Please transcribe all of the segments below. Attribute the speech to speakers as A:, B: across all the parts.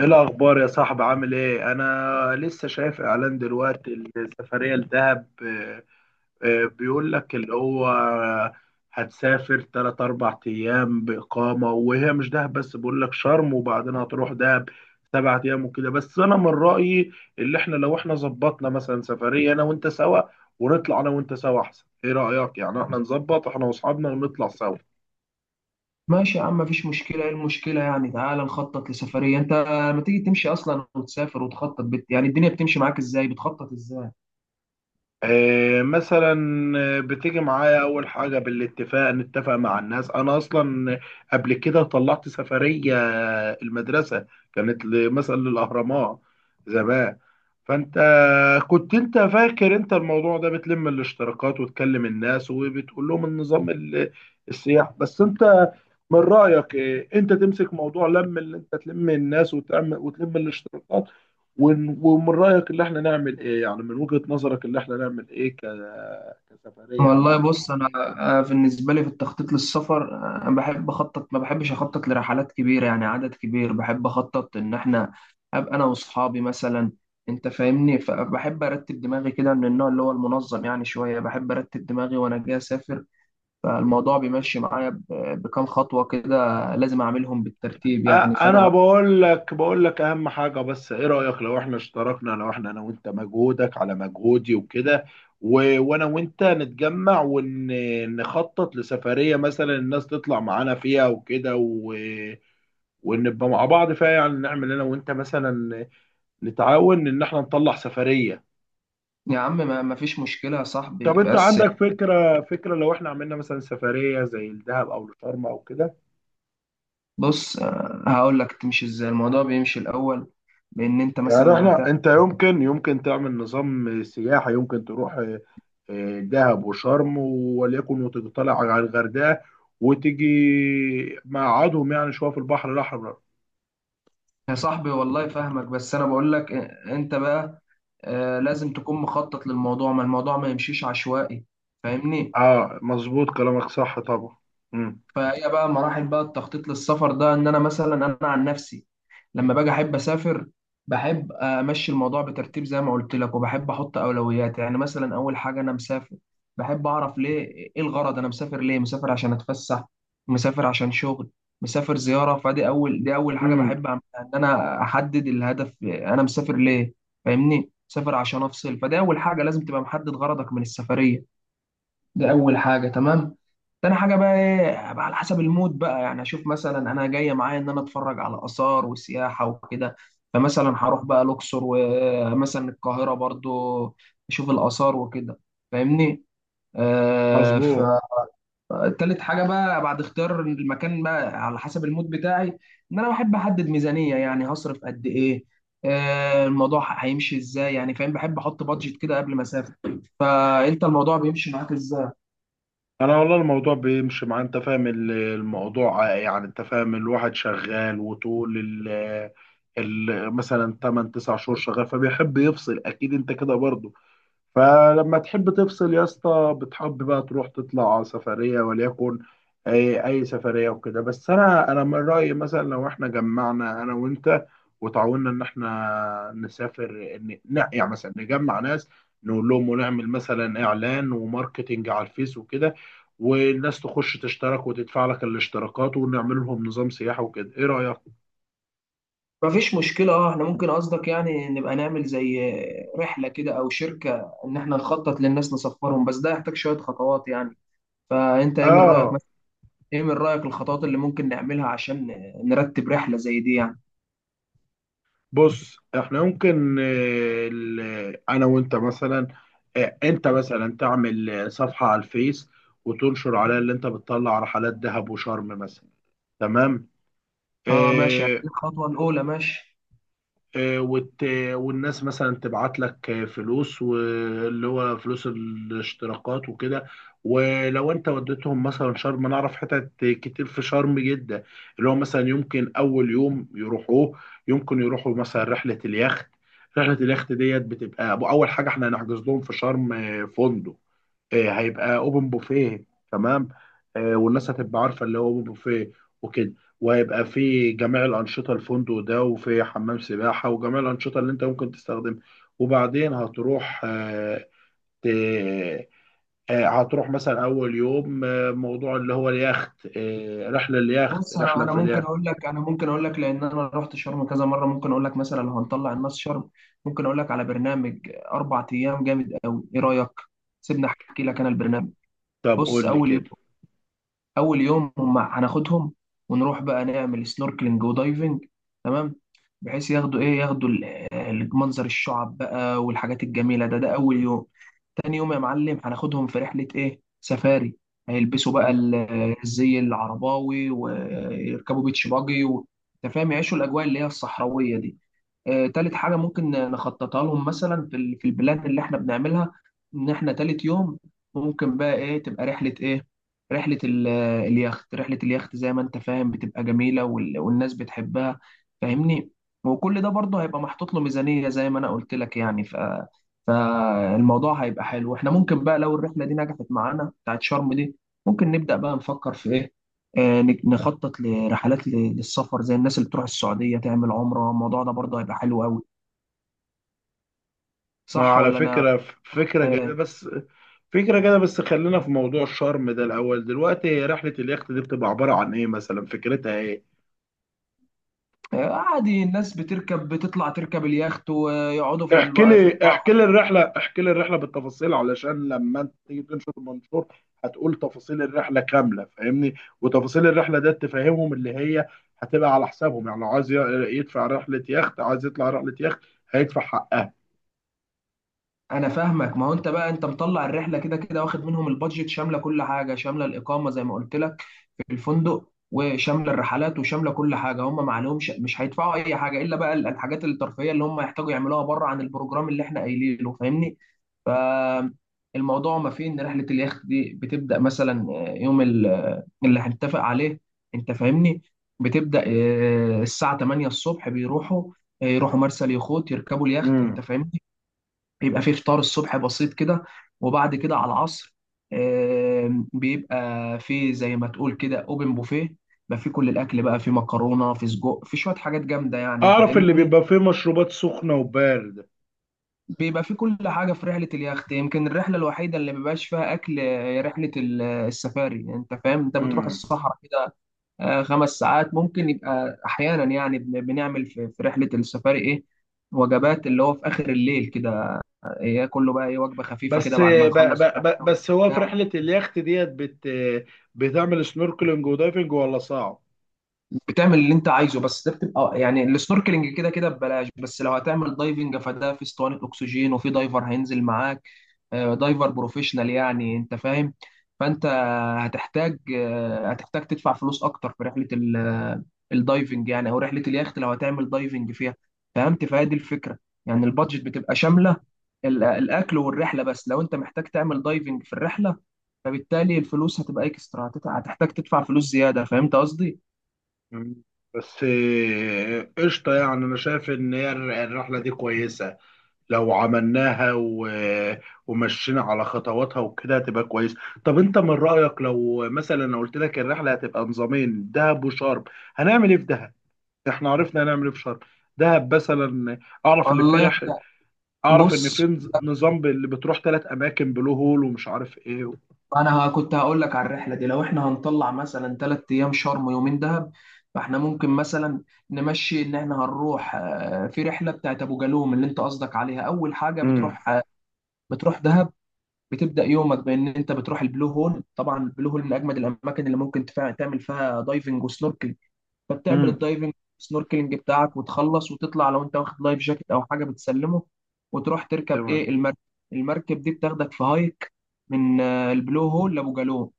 A: ايه الاخبار يا صاحبي، عامل ايه؟ انا لسه شايف اعلان دلوقتي، السفريه لدهب. بيقول لك اللي هو هتسافر 3 4 ايام باقامه، وهي مش دهب بس، بيقول لك شرم وبعدين هتروح دهب 7 ايام وكده. بس انا من رايي، اللي احنا لو احنا ظبطنا مثلا سفريه انا وانت سوا، ونطلع انا وانت سوا احسن. ايه رايك يعني احنا نظبط احنا واصحابنا ونطلع سوا؟
B: ماشي يا عم، مفيش مشكلة. ايه المشكلة يعني؟ تعالى نخطط لسفرية. انت ما تيجي تمشي اصلا وتسافر وتخطط يعني الدنيا بتمشي معاك ازاي، بتخطط ازاي؟
A: مثلا. بتيجي معايا، اول حاجه بالاتفاق نتفق مع الناس. انا اصلا قبل كده طلعت سفريه المدرسه، كانت مثلا للاهرامات زمان. فانت كنت انت فاكر انت الموضوع ده بتلم الاشتراكات وتكلم الناس وبتقول لهم النظام السياح. بس انت من رأيك إيه؟ انت تمسك موضوع لم، اللي انت تلم الناس وتعمل وتلم الاشتراكات، ومن رأيك اللي احنا نعمل ايه؟ يعني من وجهة نظرك اللي احنا نعمل ايه كسفرية يعني،
B: والله
A: عن سفر.
B: بص انا، بالنسبة لي في التخطيط للسفر، انا بحب اخطط، ما بحبش اخطط لرحلات كبيرة يعني عدد كبير. بحب اخطط ان احنا ابقى انا واصحابي مثلا. انت فاهمني، فبحب ارتب دماغي كده، من النوع اللي هو المنظم يعني شوية. بحب ارتب دماغي وانا جاي اسافر. فالموضوع بيمشي معايا بكام خطوة كده، لازم اعملهم بالترتيب يعني.
A: انا
B: فانا
A: بقول لك اهم حاجه، بس ايه رايك لو احنا اشتركنا، لو احنا انا وانت، مجهودك على مجهودي وكده وانا وانت نتجمع ونخطط لسفريه، مثلا الناس تطلع معانا فيها وكده ونبقى مع بعض فيها؟ يعني نعمل انا وانت مثلا نتعاون ان احنا نطلع سفريه.
B: يا عم ما فيش مشكلة يا
A: طب
B: صاحبي
A: انت
B: بس.
A: عندك فكره لو احنا عملنا مثلا سفريه زي الدهب او الشرم او كده؟
B: بص، هقول لك تمشي ازاي الموضوع بيمشي الأول، بإن أنت
A: يعني
B: مثلا
A: احنا،
B: هتعمل.
A: انت يمكن تعمل نظام سياحة، يمكن تروح اه، دهب وشرم، وليكن وتطلع على الغردقة وتيجي مقعدهم يعني شوية في البحر الأحمر.
B: يا صاحبي والله فاهمك، بس أنا بقول لك، أنت بقى لازم تكون مخطط للموضوع، ما الموضوع ما يمشيش عشوائي. فاهمني.
A: اه، مظبوط كلامك، صح طبعا. امم
B: فهي بقى مراحل بقى التخطيط للسفر ده، ان انا مثلا انا عن نفسي، لما باجي احب اسافر، بحب امشي الموضوع بترتيب زي ما قلت لك، وبحب احط اولويات. يعني مثلا اول حاجه، انا مسافر بحب اعرف ليه. ايه الغرض؟ انا مسافر ليه؟ مسافر عشان اتفسح، مسافر عشان شغل، مسافر زياره. فدي اول حاجه
A: امم
B: بحب أعملها، ان انا احدد الهدف انا مسافر ليه. فاهمني. مسافر عشان افصل. فدي اول حاجه لازم تبقى محدد غرضك من السفريه. دي اول حاجه، تمام. تاني حاجه بقى، ايه بقى؟ على حسب المود بقى، يعني اشوف مثلا انا جايه معايا ان انا اتفرج على اثار وسياحه وكده. فمثلا هروح بقى الاقصر، ومثلا القاهره برضو، اشوف الاثار وكده. فاهمني. آه.
A: مظبوط.
B: فتالت حاجه بقى بعد اختيار المكان بقى على حسب المود بتاعي، ان انا بحب احدد ميزانيه، يعني هصرف قد ايه، الموضوع هيمشي ازاي يعني، فاهم، بحب احط بادجت كده قبل ما اسافر. فانت الموضوع بيمشي معاك ازاي؟
A: انا والله الموضوع بيمشي مع، انت فاهم الموضوع يعني. انت فاهم، الواحد شغال، وطول ال مثلا 8 9 شهور شغال، فبيحب يفصل اكيد، انت كده برضه. فلما تحب تفصل يا اسطى، بتحب بقى تروح تطلع سفرية وليكن أي سفرية وكده. بس أنا من رأيي مثلا لو إحنا جمعنا أنا وأنت وتعاوننا إن إحنا نسافر، يعني مثلا نجمع ناس، نقول لهم ونعمل مثلا إعلان وماركتينج على الفيس وكده، والناس تخش تشترك وتدفع لك الاشتراكات ونعمل لهم نظام سياحة وكده. إيه رأيك؟
B: مفيش مشكلة، اه احنا ممكن، قصدك يعني نبقى نعمل زي رحلة كده او شركة ان احنا نخطط للناس نسفرهم، بس ده يحتاج شوية خطوات يعني. فانت ايه من رأيك
A: آه،
B: مثلا؟ ايه من رأيك الخطوات اللي ممكن نعملها عشان نرتب رحلة زي دي يعني؟
A: بص. احنا ممكن انا وانت مثلا، انت مثلا تعمل صفحة على الفيس وتنشر عليها اللي انت بتطلع رحلات دهب وشرم مثلا، تمام.
B: اه ماشي يعني
A: آه،
B: الخطوة الاولى ماشي.
A: آه، وت... والناس مثلا تبعت لك فلوس، واللي هو فلوس الاشتراكات وكده. ولو انت وديتهم مثلا شرم، انا اعرف حتت كتير في شرم جدا، اللي هو مثلا يمكن اول يوم يروحوه، يمكن يروحوا مثلا رحلة اليخت. رحلة اليخت ديت بتبقى اول حاجة. احنا هنحجز لهم في شرم فندق، هيبقى اوبن بوفيه، تمام. والناس هتبقى عارفه اللي هو اوبن بوفيه وكده، وهيبقى في جميع الانشطه، الفندق ده وفي حمام سباحه وجميع الانشطه اللي انت ممكن تستخدمها. وبعدين هتروح ت- هتروح مثلا اول يوم موضوع اللي هو اليخت، رحله اليخت،
B: بص، انا
A: رحله
B: انا
A: في
B: ممكن
A: اليخت.
B: اقول لك لان انا رحت شرم كذا مرة، ممكن اقول لك مثلا لو هنطلع الناس شرم، ممكن اقول لك على برنامج 4 ايام جامد قوي. ايه رأيك؟ سيبني احكي لك انا البرنامج.
A: طب
B: بص
A: قول لي
B: اول يوم
A: كده.
B: اول يوم هم هناخدهم ونروح بقى نعمل سنوركلينج ودايفنج. تمام. بحيث ياخدوا منظر الشعب بقى والحاجات الجميله. ده اول يوم. تاني يوم يا معلم هناخدهم في رحله ايه، سفاري. هيلبسوا بقى الزي العرباوي ويركبوا بيتش باجي انت فاهم، يعيشوا الاجواء اللي هي الصحراويه دي. تالت حاجة ممكن نخططها لهم مثلا في البلان اللي احنا بنعملها، ان احنا تالت يوم ممكن بقى ايه، تبقى رحلة ايه، رحلة اليخت زي ما انت فاهم بتبقى جميلة، والناس بتحبها. فاهمني. وكل ده برضه هيبقى محطوط له ميزانية زي ما انا قلت لك يعني فالموضوع هيبقى حلو. احنا ممكن بقى، لو الرحلة دي نجحت معانا بتاعت شرم دي، ممكن نبدأ بقى نفكر في ايه، نخطط لرحلات للسفر زي الناس اللي بتروح السعودية تعمل عمرة. الموضوع ده برضه هيبقى حلو قوي،
A: ما
B: صح
A: على
B: ولا انا؟
A: فكرة، فكرة جميلة،
B: آه،
A: بس فكرة كده. بس خلينا في موضوع الشرم ده الأول دلوقتي. هي رحلة اليخت دي بتبقى عبارة عن إيه مثلا؟ فكرتها إيه؟
B: عادي، الناس بتركب، بتطلع تركب اليخت ويقعدوا في الب- في البحر.
A: احكي لي الرحلة بالتفاصيل علشان لما أنت تيجي تنشر المنشور، هتقول تفاصيل الرحلة كاملة، فاهمني؟ وتفاصيل الرحلة ده تفهمهم اللي هي هتبقى على حسابهم، يعني لو عايز يدفع رحلة يخت، عايز يطلع رحلة يخت، هيدفع حقها.
B: انا فاهمك، ما هو انت بقى انت مطلع الرحلة كده كده، واخد منهم البادجت شاملة كل حاجة، شاملة الإقامة زي ما قلت لك في الفندق، وشامله الرحلات، وشامله كل حاجه. هم ما عليهمش، مش هيدفعوا اي حاجه الا بقى الحاجات الترفيهيه اللي هم يحتاجوا يعملوها بره عن البروجرام اللي احنا قايلينه. فاهمني. فالموضوع ما فيه ان رحله اليخت دي بتبدا مثلا يوم اللي هنتفق عليه، انت فاهمني. بتبدا الساعه 8 الصبح، بيروحوا يروحوا مرسى اليخوت، يركبوا اليخت. انت
A: امم
B: فاهمني. بيبقى فيه فطار الصبح بسيط كده، وبعد كده على العصر، بيبقى فيه زي ما تقول كده اوبن بوفيه. بيبقى فيه كل الاكل بقى، فيه مكرونه، فيه سجق، فيه شويه حاجات جامده يعني.
A: أعرف اللي
B: فاهمني.
A: بيبقى فيه مشروبات سخنة وباردة.
B: بيبقى فيه كل حاجه في رحله اليخت. يمكن الرحله الوحيده اللي مبيبقاش فيها اكل رحله السفاري. انت فاهم، انت بتروح
A: امم
B: الصحراء كده. 5 ساعات ممكن يبقى احيانا يعني، بنعمل في رحله السفاري ايه، وجبات اللي هو في اخر الليل كده، ياكل له بقى ايه وجبه خفيفه كده
A: بس
B: بعد ما
A: ب ب
B: يخلص
A: ب
B: الرحله
A: بس هو في
B: وبتاع.
A: رحلة اليخت ديت بتعمل سنوركلينج ودايفنج ولا صعب؟
B: بتعمل اللي انت عايزه، بس ده بتبقى يعني السنوركلينج كده كده ببلاش. بس لو هتعمل دايفنج فده في اسطوانه اكسجين وفي دايفر هينزل معاك. دايفر بروفيشنال يعني، انت فاهم. فانت هتحتاج تدفع فلوس اكتر في رحله الدايفنج يعني، او رحله اليخت لو هتعمل دايفنج فيها. فهمت؟ فهي دي الفكره. يعني البادجت بتبقى شامله الاكل والرحله. بس لو انت محتاج تعمل دايفنج في الرحله، فبالتالي الفلوس هتبقى اكسترا، هتحتاج تدفع فلوس زياده. فهمت قصدي؟
A: مم. بس قشطة يعني. أنا شايف إن هي الرحلة دي كويسة، لو عملناها ومشينا على خطواتها وكده هتبقى كويس. طب أنت من رأيك لو مثلا أنا قلت لك الرحلة هتبقى نظامين، دهب وشرم، هنعمل إيه في دهب؟ إحنا عرفنا هنعمل إيه في شرم. دهب مثلا، أعرف اللي فيه
B: والله احنا.
A: اعرف ان
B: بص
A: في نظام اللي بتروح 3 اماكن، بلو هول ومش عارف ايه
B: انا كنت هقول لك على الرحله دي، لو احنا هنطلع مثلا 3 ايام شرم ويومين دهب، فاحنا ممكن مثلا نمشي ان احنا هنروح في رحله بتاعت ابو جالوم اللي انت قصدك عليها. اول حاجه
A: امم
B: بتروح بتروح دهب. بتبدا يومك بان انت بتروح البلو هول. طبعا البلو هول من اجمد الاماكن اللي ممكن تعمل فيها دايفنج وسنوركل. فبتعمل
A: امم
B: الدايفنج سنوركلينج بتاعك وتخلص وتطلع. لو انت واخد لايف جاكيت او حاجه بتسلمه، وتروح تركب
A: تمام.
B: ايه، المركب. المركب دي بتاخدك في هايك من البلو هول لابو جالوم،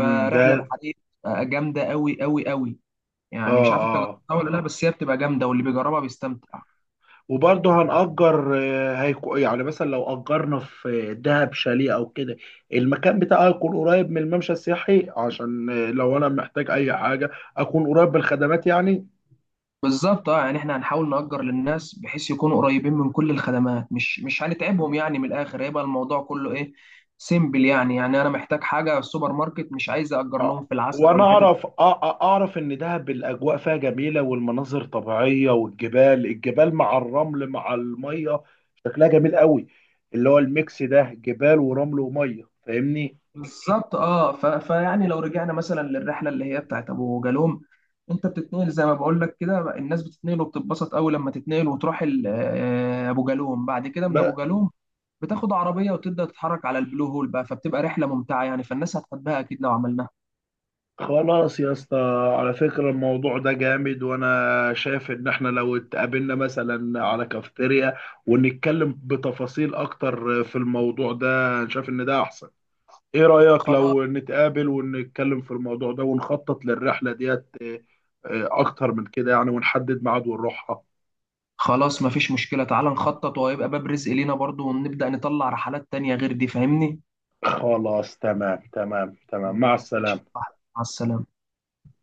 A: ده،
B: بحريه جامده قوي قوي قوي. يعني مش
A: اه،
B: عارف انت
A: اه،
B: جربتها ولا لا، بس هي بتبقى جامده واللي بيجربها بيستمتع.
A: وبرضه هنأجر هيكو، يعني مثلا لو أجرنا في دهب شاليه أو كده، المكان بتاعه يكون قريب من الممشى السياحي، عشان لو أنا محتاج أي حاجة أكون قريب بالخدمات يعني.
B: بالظبط، اه يعني احنا هنحاول نأجر للناس بحيث يكونوا قريبين من كل الخدمات، مش هنتعبهم يعني، من الاخر هيبقى الموضوع كله ايه، سيمبل يعني انا محتاج حاجه سوبر ماركت، مش عايز اجر لهم
A: آه.
B: في العسل او
A: وانا
B: الحتت.
A: اعرف اعرف ان دهب الاجواء فيها جميله، والمناظر طبيعيه، والجبال، مع الرمل مع الميه، شكلها جميل قوي، اللي هو الميكس ده جبال ورمل وميه، فاهمني؟
B: بالظبط، اه فيعني لو رجعنا مثلا للرحله اللي هي بتاعت ابو جالوم، انت بتتنقل زي ما بقول لك كده. الناس بتتنقل وبتتبسط قوي لما تتنقل وتروح ابو جالوم. بعد كده من ابو
A: بقى
B: جالوم بتاخد عربيه وتبدا تتحرك على البلو هول بقى، فبتبقى رحله ممتعه يعني. فالناس هتحبها اكيد لو عملناها.
A: خلاص يا اسطى. على فكره الموضوع ده جامد، وانا شايف ان احنا لو اتقابلنا مثلا على كافتيريا ونتكلم بتفاصيل اكتر في الموضوع ده، شايف ان ده احسن. ايه رأيك
B: خلاص.
A: لو نتقابل ونتكلم في الموضوع ده ونخطط للرحلة ديت؟ اكتر من كده يعني، ونحدد ميعاد ونروحها.
B: خلاص مفيش مشكله، تعال نخطط وهيبقى باب رزق لينا برضو، ونبدا نطلع رحلات تانية غير دي. فاهمني.
A: خلاص، تمام تمام تمام، مع
B: ماشي يا
A: السلامة.
B: صاحبي، مع السلامه.